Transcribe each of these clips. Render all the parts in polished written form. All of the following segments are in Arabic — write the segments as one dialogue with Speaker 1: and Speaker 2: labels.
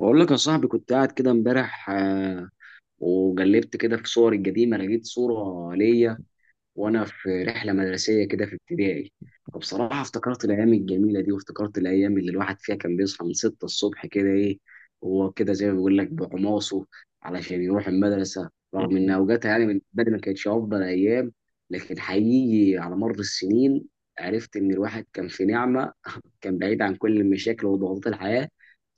Speaker 1: بقول لك يا صاحبي، كنت قاعد كده امبارح، وجلبت كده في صوري القديمة. لقيت صورة ليا وانا في رحله مدرسيه كده في ابتدائي. فبصراحه افتكرت الايام الجميله دي، وافتكرت الايام اللي الواحد فيها كان بيصحى من 6 الصبح كده. ايه هو كده، زي ما بيقول لك، بحماسه، علشان يروح المدرسه. رغم ان اوقاتها، يعني من بدري، ما كانتش افضل ايام، لكن حقيقي على مر السنين عرفت ان الواحد كان في نعمه. كان بعيد عن كل المشاكل وضغوطات الحياه.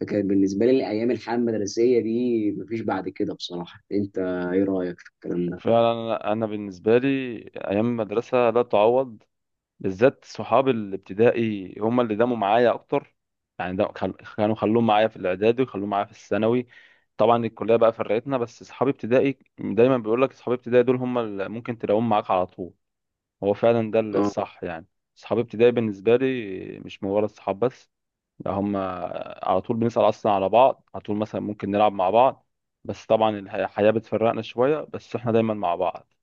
Speaker 1: فكان بالنسبه لي الايام، الحياه المدرسيه دي، مفيش بعد كده بصراحه. انت ايه رايك في الكلام ده؟
Speaker 2: فعلا انا بالنسبه لي ايام المدرسه لا تعوض. بالذات صحاب الابتدائي هم اللي داموا معايا اكتر. يعني كانوا خلوهم معايا في الاعدادي وخلوهم معايا في الثانوي. طبعا الكليه بقى فرقتنا، بس صحابي ابتدائي دايما بيقول لك صحابي ابتدائي دول هم اللي ممكن تلاقوهم معاك على طول. هو فعلا ده الصح يعني. صحابي ابتدائي بالنسبه لي مش مجرد صحاب بس، لا هم على طول بنسال اصلا على بعض، على طول مثلا ممكن نلعب مع بعض. بس طبعا الحياه بتفرقنا شويه بس احنا دايما مع بعض.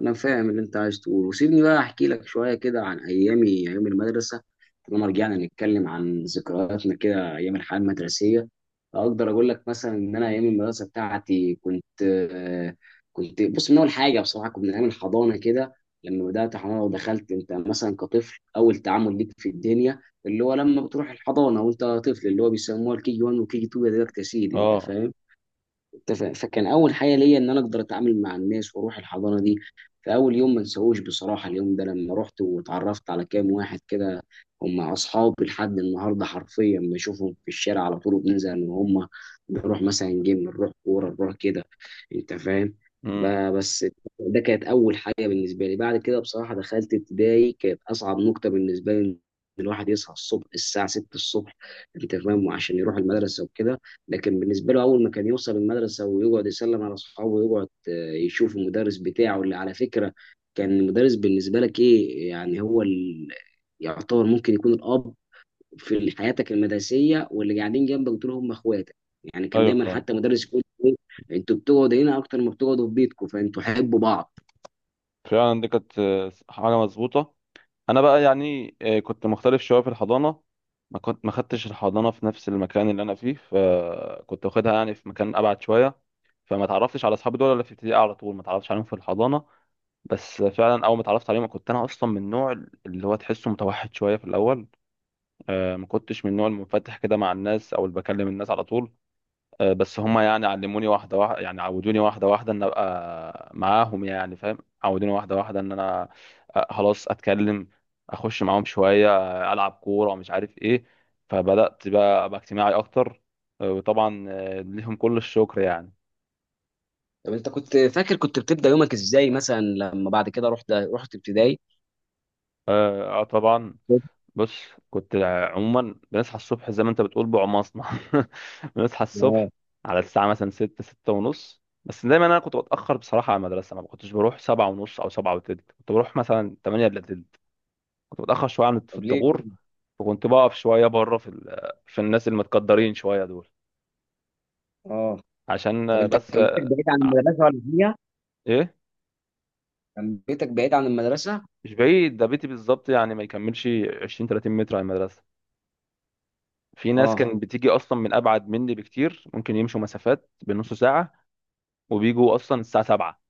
Speaker 1: انا فاهم اللي انت عايز تقوله. وسيبني بقى احكي لك شويه كده عن ايامي، ايام المدرسه. لما رجعنا نتكلم عن ذكرياتنا كده، ايام الحياه المدرسيه، اقدر اقول لك مثلا ان انا ايام المدرسه بتاعتي كنت، كنت بص، من اول حاجه بصراحه كنت من ايام الحضانه كده. لما بدات حضانه ودخلت انت مثلا كطفل، اول تعامل ليك في الدنيا، اللي هو لما بتروح الحضانه وانت طفل، اللي هو بيسموها الكي 1 وكي 2، يا دلوقتي يا سيدي، انت
Speaker 2: اه.
Speaker 1: فاهم. فكان اول حاجه ليا ان انا اقدر اتعامل مع الناس واروح الحضانه دي. فاول يوم ما انساهوش بصراحه، اليوم ده لما رحت واتعرفت على كام واحد كده، هم اصحابي لحد النهارده، حرفيا بشوفهم في الشارع على طول وبننزل، ان هم نروح مثلا جيم، نروح كوره، نروح كده. انت فاهم.
Speaker 2: امم.
Speaker 1: بس ده كانت اول حاجه بالنسبه لي. بعد كده بصراحه دخلت ابتدائي، كانت اصعب نقطه بالنسبه لي، إن الواحد يصحى الصبح الساعه 6 الصبح، انت فاهم، وعشان يروح المدرسه وكده. لكن بالنسبه له، اول ما كان يوصل المدرسه ويقعد يسلم على اصحابه، ويقعد يشوف المدرس بتاعه، اللي على فكره كان المدرس بالنسبه لك ايه، يعني هو يعتبر ممكن يكون الاب في حياتك المدرسيه، واللي قاعدين جنبك دول هم اخواتك. يعني كان
Speaker 2: ايوه
Speaker 1: دايما
Speaker 2: فعلا.
Speaker 1: حتى مدرس يقول، انتوا بتقعدوا هنا اكتر ما بتقعدوا في بيتكم، فانتوا حبوا بعض.
Speaker 2: فعلا دي كانت حاجه مظبوطه. انا بقى يعني، كنت مختلف شويه في الحضانه. ما كنت ما خدتش الحضانه في نفس المكان اللي انا فيه، فكنت واخدها يعني في مكان ابعد شويه. فما تعرفتش على اصحابي دول الا في ابتدائي، على طول ما تعرفتش عليهم في الحضانه. بس فعلا اول ما اتعرفت عليهم كنت انا اصلا من النوع اللي هو تحسه متوحد شويه في الاول. ما كنتش من النوع المنفتح كده مع الناس او اللي بكلم الناس على طول. بس هم يعني علموني واحدة واحدة، يعني عودوني واحدة واحدة ان ابقى معاهم، يعني فاهم، عودوني واحدة واحدة ان انا خلاص اتكلم، اخش معاهم شوية، العب كورة ومش عارف ايه. فبدأت بقى ابقى اجتماعي اكتر. وطبعا ليهم كل الشكر يعني.
Speaker 1: طب انت كنت فاكر كنت بتبدا يومك ازاي، مثلا لما بعد كده رحت ابتدائي؟
Speaker 2: طبعا. بص، كنت عموما بنصحى الصبح زي ما انت بتقول بعماصنا. بنصحى
Speaker 1: اه.
Speaker 2: الصبح على الساعة مثلا ستة ستة ونص، بس دايما انا كنت بتأخر بصراحة على المدرسة. ما كنتش بروح سبعة ونص او سبعة وتلت، كنت بروح مثلا تمانية الا تلت. كنت بتأخر شوية عن في
Speaker 1: طب ليه
Speaker 2: الطابور،
Speaker 1: كده؟
Speaker 2: وكنت بقف شوية بره في في الناس المتقدرين شوية دول.
Speaker 1: اه.
Speaker 2: عشان
Speaker 1: طب انت
Speaker 2: بس
Speaker 1: كان بيتك بعيد عن المدرسه ولا هي؟
Speaker 2: ايه.
Speaker 1: كان بيتك بعيد عن المدرسة؟
Speaker 2: مش بعيد، ده بيتي بالظبط يعني ما يكملش 20 30 متر على المدرسة. في ناس
Speaker 1: اه.
Speaker 2: كانت بتيجي اصلا من ابعد مني بكتير، ممكن يمشوا مسافات بنص ساعة وبيجوا اصلا الساعه 7،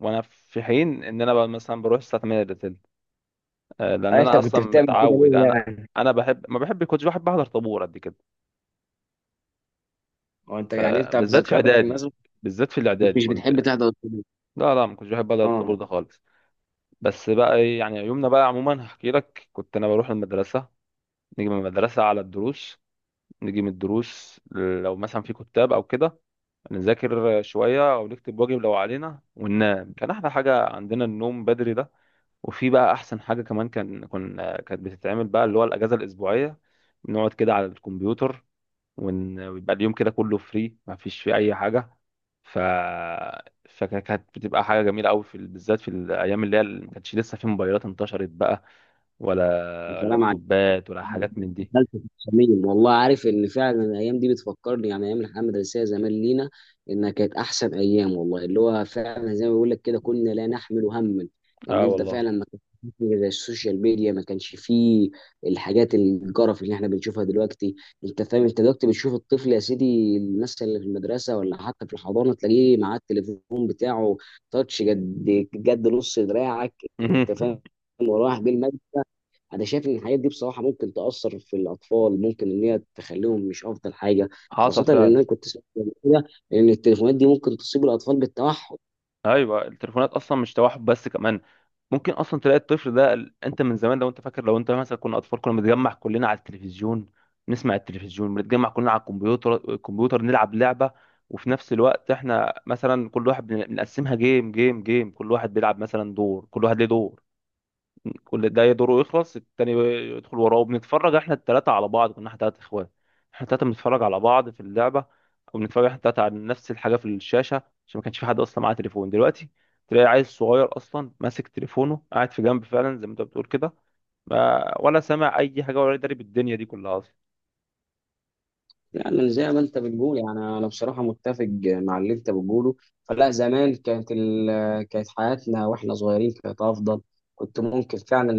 Speaker 2: وانا في حين ان انا بقى مثلا بروح الساعه 8 الا تلت. لان
Speaker 1: انت
Speaker 2: انا
Speaker 1: كنت
Speaker 2: اصلا
Speaker 1: بتعمل كده
Speaker 2: متعود.
Speaker 1: ليه
Speaker 2: انا
Speaker 1: يعني؟
Speaker 2: انا بحب ما بحب كنتش بحب احضر طابور قد كده.
Speaker 1: هو انت، يعني انت في
Speaker 2: فبالذات في
Speaker 1: ذكرياتك في
Speaker 2: اعدادي،
Speaker 1: المدرسة
Speaker 2: بالذات في الاعدادي
Speaker 1: مش بتحب
Speaker 2: كنت،
Speaker 1: تحضر الطابور؟
Speaker 2: لا لا ما كنتش بحب احضر الطابور
Speaker 1: اه.
Speaker 2: ده خالص. بس بقى يعني يومنا بقى عموما هحكي لك. كنت انا بروح المدرسه، نيجي من المدرسه على الدروس، نيجي من الدروس لو مثلا في كتاب او كده نذاكر شويه او نكتب واجب لو علينا، وننام. كان احلى حاجه عندنا النوم بدري ده. وفي بقى احسن حاجه كمان كان كانت بتتعمل بقى اللي هو الاجازه الاسبوعيه، بنقعد كده على الكمبيوتر ويبقى اليوم كده كله فري ما فيش فيه اي حاجه. ف فكانت بتبقى حاجه جميله قوي في بالذات في الايام اللي هي اللي ما كانتش لسه في موبايلات انتشرت بقى،
Speaker 1: يا
Speaker 2: ولا
Speaker 1: سلام،
Speaker 2: لابتوبات ولا حاجات من دي.
Speaker 1: دخلت في الصميم والله. عارف ان فعلا الايام دي بتفكرني، يعني ايام الحياه المدرسيه زمان لينا، انها كانت احسن ايام والله، اللي هو فعلا زي ما بيقول لك كده، كنا لا نحمل هما. ان
Speaker 2: اه
Speaker 1: انت
Speaker 2: والله.
Speaker 1: فعلا ما كانش فيه زي السوشيال ميديا، ما كانش فيه الحاجات الجرف اللي احنا بنشوفها دلوقتي. انت فاهم. انت دلوقتي بتشوف الطفل يا سيدي، الناس اللي في المدرسه ولا حتى في الحضانه، تلاقيه معاه التليفون بتاعه، تاتش قد قد نص دراعك. انت فاهم، وراح بالمجلس. انا شايف ان الحاجات دي بصراحه ممكن تاثر في الاطفال، ممكن ان هي تخليهم مش افضل حاجه.
Speaker 2: حصل
Speaker 1: خاصه ان
Speaker 2: فعلا.
Speaker 1: انا كنت سمعت قبل كده ان التليفونات دي ممكن تصيب الاطفال بالتوحد.
Speaker 2: ايوه التليفونات اصلا مش توحد بس، كمان ممكن اصلا تلاقي الطفل ده انت من زمان لو انت فاكر، لو انت مثلا كنا اطفال كنا بنتجمع كلنا على التلفزيون، نسمع التلفزيون، بنتجمع كلنا على الكمبيوتر، نلعب لعبه. وفي نفس الوقت احنا مثلا كل واحد بنقسمها جيم جيم جيم، كل واحد بيلعب مثلا دور، كل واحد ليه دور، كل ده دوره يخلص التاني يدخل وراه وبنتفرج احنا التلاتة على بعض. كنا احنا تلات اخوات، احنا التلاتة بنتفرج على بعض في اللعبة، او بنتفرج احنا التلاتة على نفس الحاجة في الشاشة. عشان ما كانش في حد اصلا معاه تليفون. دلوقتي تلاقي عيل صغير اصلا ماسك تليفونه قاعد في جنب، فعلا زي ما انت بتقول كده، ما ولا سامع اي حاجة ولا داري بالدنيا دي كلها اصلا.
Speaker 1: يعني زي ما انت بتقول، يعني انا بصراحه متفق مع اللي انت بتقوله. فلا، زمان كانت كانت حياتنا واحنا صغيرين كانت افضل. كنت ممكن فعلا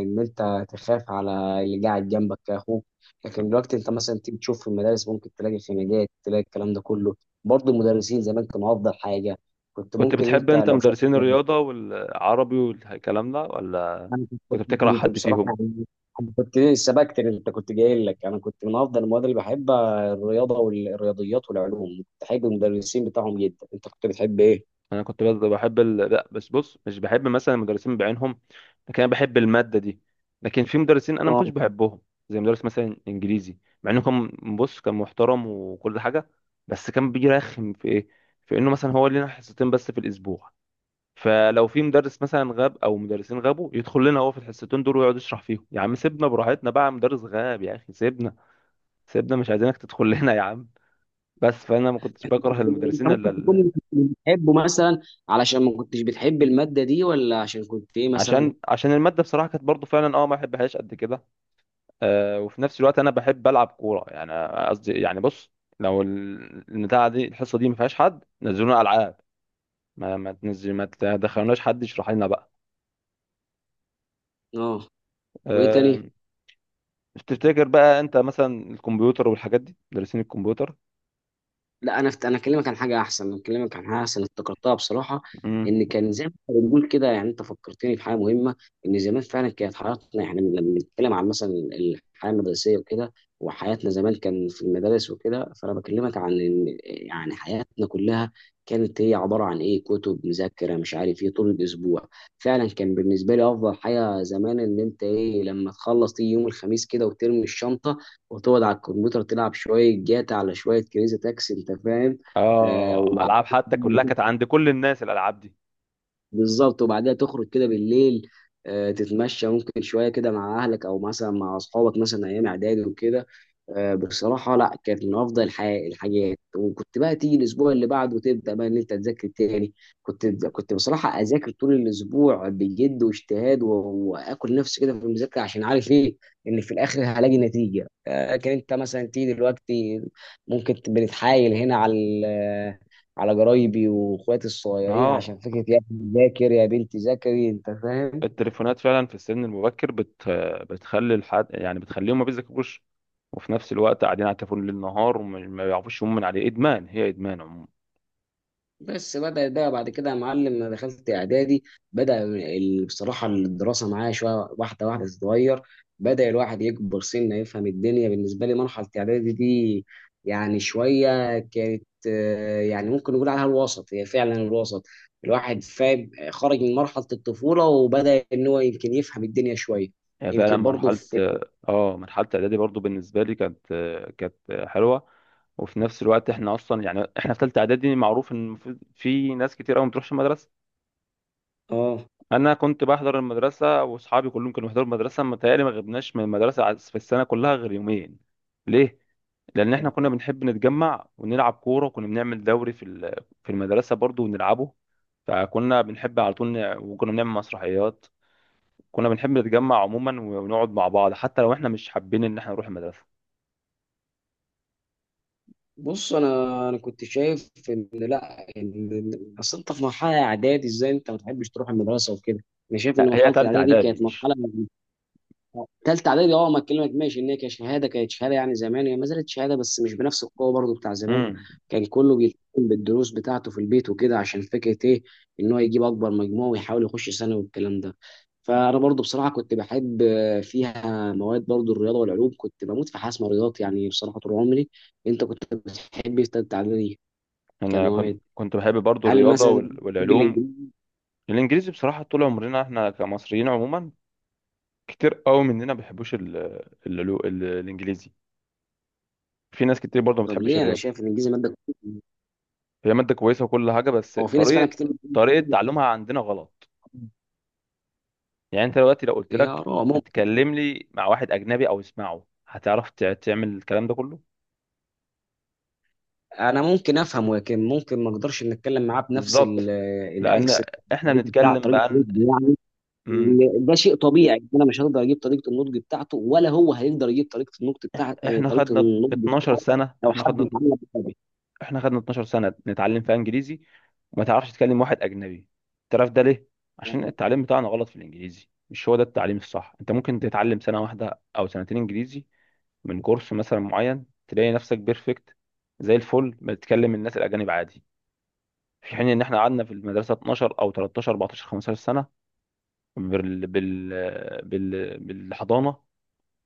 Speaker 1: ان انت تخاف على اللي قاعد جنبك كاخوك. لكن دلوقتي انت مثلا تيجي تشوف في المدارس، ممكن تلاقي خناقات، تلاقي الكلام ده كله. برضه المدرسين زمان كانوا افضل حاجه. كنت
Speaker 2: كنت
Speaker 1: ممكن
Speaker 2: بتحب
Speaker 1: انت،
Speaker 2: انت
Speaker 1: لو
Speaker 2: مدرسين الرياضة والعربي والكلام ده ولا
Speaker 1: انا كنت
Speaker 2: كنت بتكره
Speaker 1: كنت
Speaker 2: حد
Speaker 1: بصراحه
Speaker 2: فيهم؟
Speaker 1: يعني، أنا كنت سبقت اللي انت كنت جاي لك. انا كنت من افضل المواد اللي بحبها الرياضه والرياضيات والعلوم، كنت بحب المدرسين بتاعهم جدا. انت كنت بتحب ايه؟
Speaker 2: انا كنت بس بحب لا بس بص مش بحب مثلا المدرسين بعينهم، لكن انا بحب الماده دي. لكن في مدرسين انا ما
Speaker 1: اه.
Speaker 2: كنتش بحبهم، زي مدرس مثلا انجليزي. مع انه كان، بص، كان محترم وكل حاجه، بس كان بيجي رخم في ايه، في انه مثلا هو لنا حصتين بس في الاسبوع، فلو في مدرس مثلا غاب او مدرسين غابوا يدخل لنا هو في الحصتين دول ويقعد يشرح فيهم. يا عم سيبنا براحتنا بقى، مدرس غاب يا اخي، سيبنا، سيبنا مش عايزينك تدخل لنا يا عم. بس فانا ما كنتش بكره
Speaker 1: انت
Speaker 2: المدرسين.
Speaker 1: ممكن تكون مش بتحبه مثلا علشان ما كنتش بتحب الماده دي، ولا عشان كنت ايه مثلا؟
Speaker 2: عشان عشان الماده بصراحه كانت برضو فعلا اه ما بحبهاش قد كده. آه وفي نفس الوقت انا بحب العب كوره، يعني قصدي يعني بص، لو البتاعه دي الحصه دي ما فيهاش حد نزلونا العاب. ما تنزل ما تدخلوناش حد يشرح لنا بقى.
Speaker 1: اه. وايه تاني؟
Speaker 2: آه تفتكر بقى انت مثلا الكمبيوتر والحاجات دي مدرسين الكمبيوتر.
Speaker 1: لا، انا اكلمك عن حاجه احسن، انا اكلمك عن حاجه احسن افتكرتها بصراحه.
Speaker 2: امم.
Speaker 1: ان كان زي ما إحنا بنقول كده، يعني انت فكرتني في حاجه مهمه. ان زمان فعلا كانت حياتنا احنا لما بنتكلم عن مثلا الحياه المدرسيه وكده، وحياتنا زمان كان في المدارس وكده، فانا بكلمك عن ان يعني حياتنا كلها كانت هي عباره عن ايه، كتب، مذاكره، مش عارف ايه، طول الاسبوع. فعلا كان بالنسبه لي افضل حاجه زمان ان انت ايه، لما تخلص تيجي يوم الخميس كده وترمي الشنطه، وتقعد على الكمبيوتر تلعب شوية جاتا على شوية كريزي تاكسي. أنت فاهم.
Speaker 2: اه العاب حتى
Speaker 1: وبعدين
Speaker 2: كلها كانت عند كل الناس الالعاب دي.
Speaker 1: بالظبط، وبعدها تخرج كده بالليل، تتمشى ممكن شويه كده مع اهلك او مثلا مع اصحابك، مثلا ايام اعدادي وكده. بصراحه لا، كانت من افضل الحاجات. وكنت بقى تيجي الاسبوع اللي بعده، تبدا بقى ان انت تذاكر تاني. كنت بصراحه اذاكر طول الاسبوع بجد واجتهاد، واكل نفسي كده في المذاكره، عشان عارف ايه ان في الاخر هلاقي نتيجه. لكن انت مثلا تيجي دلوقتي، ممكن بنتحايل هنا على جرايبي واخواتي الصغيرين، عشان
Speaker 2: اه
Speaker 1: فكره يا ابني ذاكر، يا بنتي ذاكري، انت فاهم.
Speaker 2: التليفونات فعلا في السن المبكر بتخلي الحد يعني بتخليهم ما بيذاكروش، وفي نفس الوقت قاعدين على التليفون ليل نهار، وما ما بيعرفوش يقوموا من عليه. ادمان، هي ادمان عموما.
Speaker 1: بس بدا ده بعد كده يا معلم. انا دخلت اعدادي، بدا بصراحه الدراسه معايا شويه واحده واحده تتغير. بدا الواحد يكبر سنه، يفهم الدنيا. بالنسبه لي مرحله اعدادي دي، يعني شويه كانت، يعني ممكن نقول عليها الوسط، هي فعلا الوسط. الواحد فاهم، خرج من مرحله الطفوله وبدا ان هو يمكن يفهم الدنيا شويه.
Speaker 2: هي فعلا
Speaker 1: يمكن برضه
Speaker 2: مرحله.
Speaker 1: في.
Speaker 2: اه مرحله اعدادي برضو بالنسبه لي كانت، كانت حلوه. وفي نفس الوقت احنا اصلا يعني احنا في ثالثه اعدادي معروف ان في ناس كتير قوي ما بتروحش المدرسه.
Speaker 1: اه.
Speaker 2: انا كنت بحضر المدرسه، واصحابي كلهم كانوا بيحضروا المدرسه، متهيألي ما غبناش من المدرسه في السنه كلها غير يومين. ليه؟ لان احنا كنا بنحب نتجمع ونلعب كوره، وكنا بنعمل دوري في في المدرسه برضو ونلعبه، فكنا بنحب على طول وكنا بنعمل مسرحيات. كنا بنحب نتجمع عموما ونقعد مع بعض حتى لو احنا مش حابين ان احنا نروح المدرسه.
Speaker 1: بص، انا كنت شايف اصل انت في مرحله اعدادي ازاي انت ما تحبش تروح المدرسه وكده. انا شايف ان
Speaker 2: لا هي
Speaker 1: مرحله
Speaker 2: تالتة
Speaker 1: الاعدادي دي
Speaker 2: اعدادي
Speaker 1: كانت
Speaker 2: مش،
Speaker 1: مرحله. ثالثه اعدادي؟ اه. ما اكلمك، ماشي، ان هي كشهاده كانت شهاده، يعني زمان هي ما زالت شهاده بس مش بنفس القوه برضو بتاع زمان.
Speaker 2: امم.
Speaker 1: كان كله بيلتزم بالدروس بتاعته في البيت وكده، عشان فكره ايه ان هو يجيب اكبر مجموع ويحاول يخش ثانوي والكلام ده. فانا برضو بصراحه كنت بحب فيها مواد، برضو الرياضه والعلوم، كنت بموت في حاجه اسمها رياضات، يعني بصراحه طول عمري. انت كنت بتحب تتعلم
Speaker 2: انا كنت،
Speaker 1: كمواد؟
Speaker 2: كنت بحب برضو
Speaker 1: هل
Speaker 2: الرياضه
Speaker 1: مثلا بتحب
Speaker 2: والعلوم.
Speaker 1: الانجليزي؟
Speaker 2: الانجليزي بصراحه طول عمرنا احنا كمصريين عموما كتير قوي مننا ما بيحبوش الانجليزي. في ناس كتير برضو ما
Speaker 1: طب
Speaker 2: بتحبش
Speaker 1: ليه؟ انا
Speaker 2: الرياضه.
Speaker 1: شايف ان الانجليزي ماده كويسة.
Speaker 2: هي ماده كويسه وكل حاجه، بس
Speaker 1: هو في ناس فعلا
Speaker 2: طريقه،
Speaker 1: كتير
Speaker 2: طريقه
Speaker 1: بتقول،
Speaker 2: تعلمها عندنا غلط. يعني انت دلوقتي لو قلت
Speaker 1: يا
Speaker 2: لك
Speaker 1: آراء.
Speaker 2: اتكلم لي مع واحد اجنبي او اسمعه هتعرف تعمل الكلام ده كله.
Speaker 1: انا ممكن افهم، ولكن ممكن ما اقدرش ان اتكلم معاه بنفس
Speaker 2: بالظبط. لان
Speaker 1: الاكس،
Speaker 2: احنا
Speaker 1: الطريقه، بتاع
Speaker 2: بنتكلم
Speaker 1: طريقه
Speaker 2: بقى عن-
Speaker 1: النطق يعني.
Speaker 2: مم،
Speaker 1: لأن ده شيء طبيعي، انا مش هقدر اجيب طريقه النطق بتاعته، ولا هو هيقدر يجيب طريقه النطق بتاع
Speaker 2: احنا
Speaker 1: طريقه
Speaker 2: خدنا
Speaker 1: النطق.
Speaker 2: 12 سنه،
Speaker 1: لو
Speaker 2: احنا
Speaker 1: حد
Speaker 2: خدنا
Speaker 1: اتعلم بالطبع.
Speaker 2: احنا خدنا 12 سنه نتعلم فيها انجليزي، وما تعرفش تتكلم واحد اجنبي. تعرف ده ليه؟ عشان التعليم بتاعنا غلط في الانجليزي. مش هو ده التعليم الصح. انت ممكن تتعلم سنه واحده او سنتين انجليزي من جرس مثلا معين تلاقي نفسك بيرفكت، زي الفل بتكلم الناس الاجانب عادي، في حين ان احنا قعدنا في المدرسه 12 او 13 14 15 سنه بال بال بالحضانه،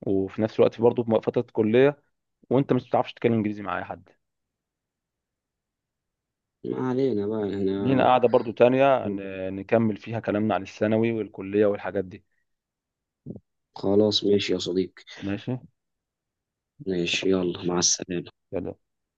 Speaker 2: وفي نفس الوقت برضه في فتره كليه، وانت مش بتعرفش تتكلم انجليزي مع اي حد.
Speaker 1: ما علينا بقى
Speaker 2: لينا
Speaker 1: احنا.
Speaker 2: قاعده برضه تانية نكمل فيها كلامنا عن الثانوي والكليه والحاجات دي.
Speaker 1: خلاص ماشي يا صديقي.
Speaker 2: ماشي.
Speaker 1: ماشي، يلا
Speaker 2: ماشي
Speaker 1: مع السلامه.
Speaker 2: يلا.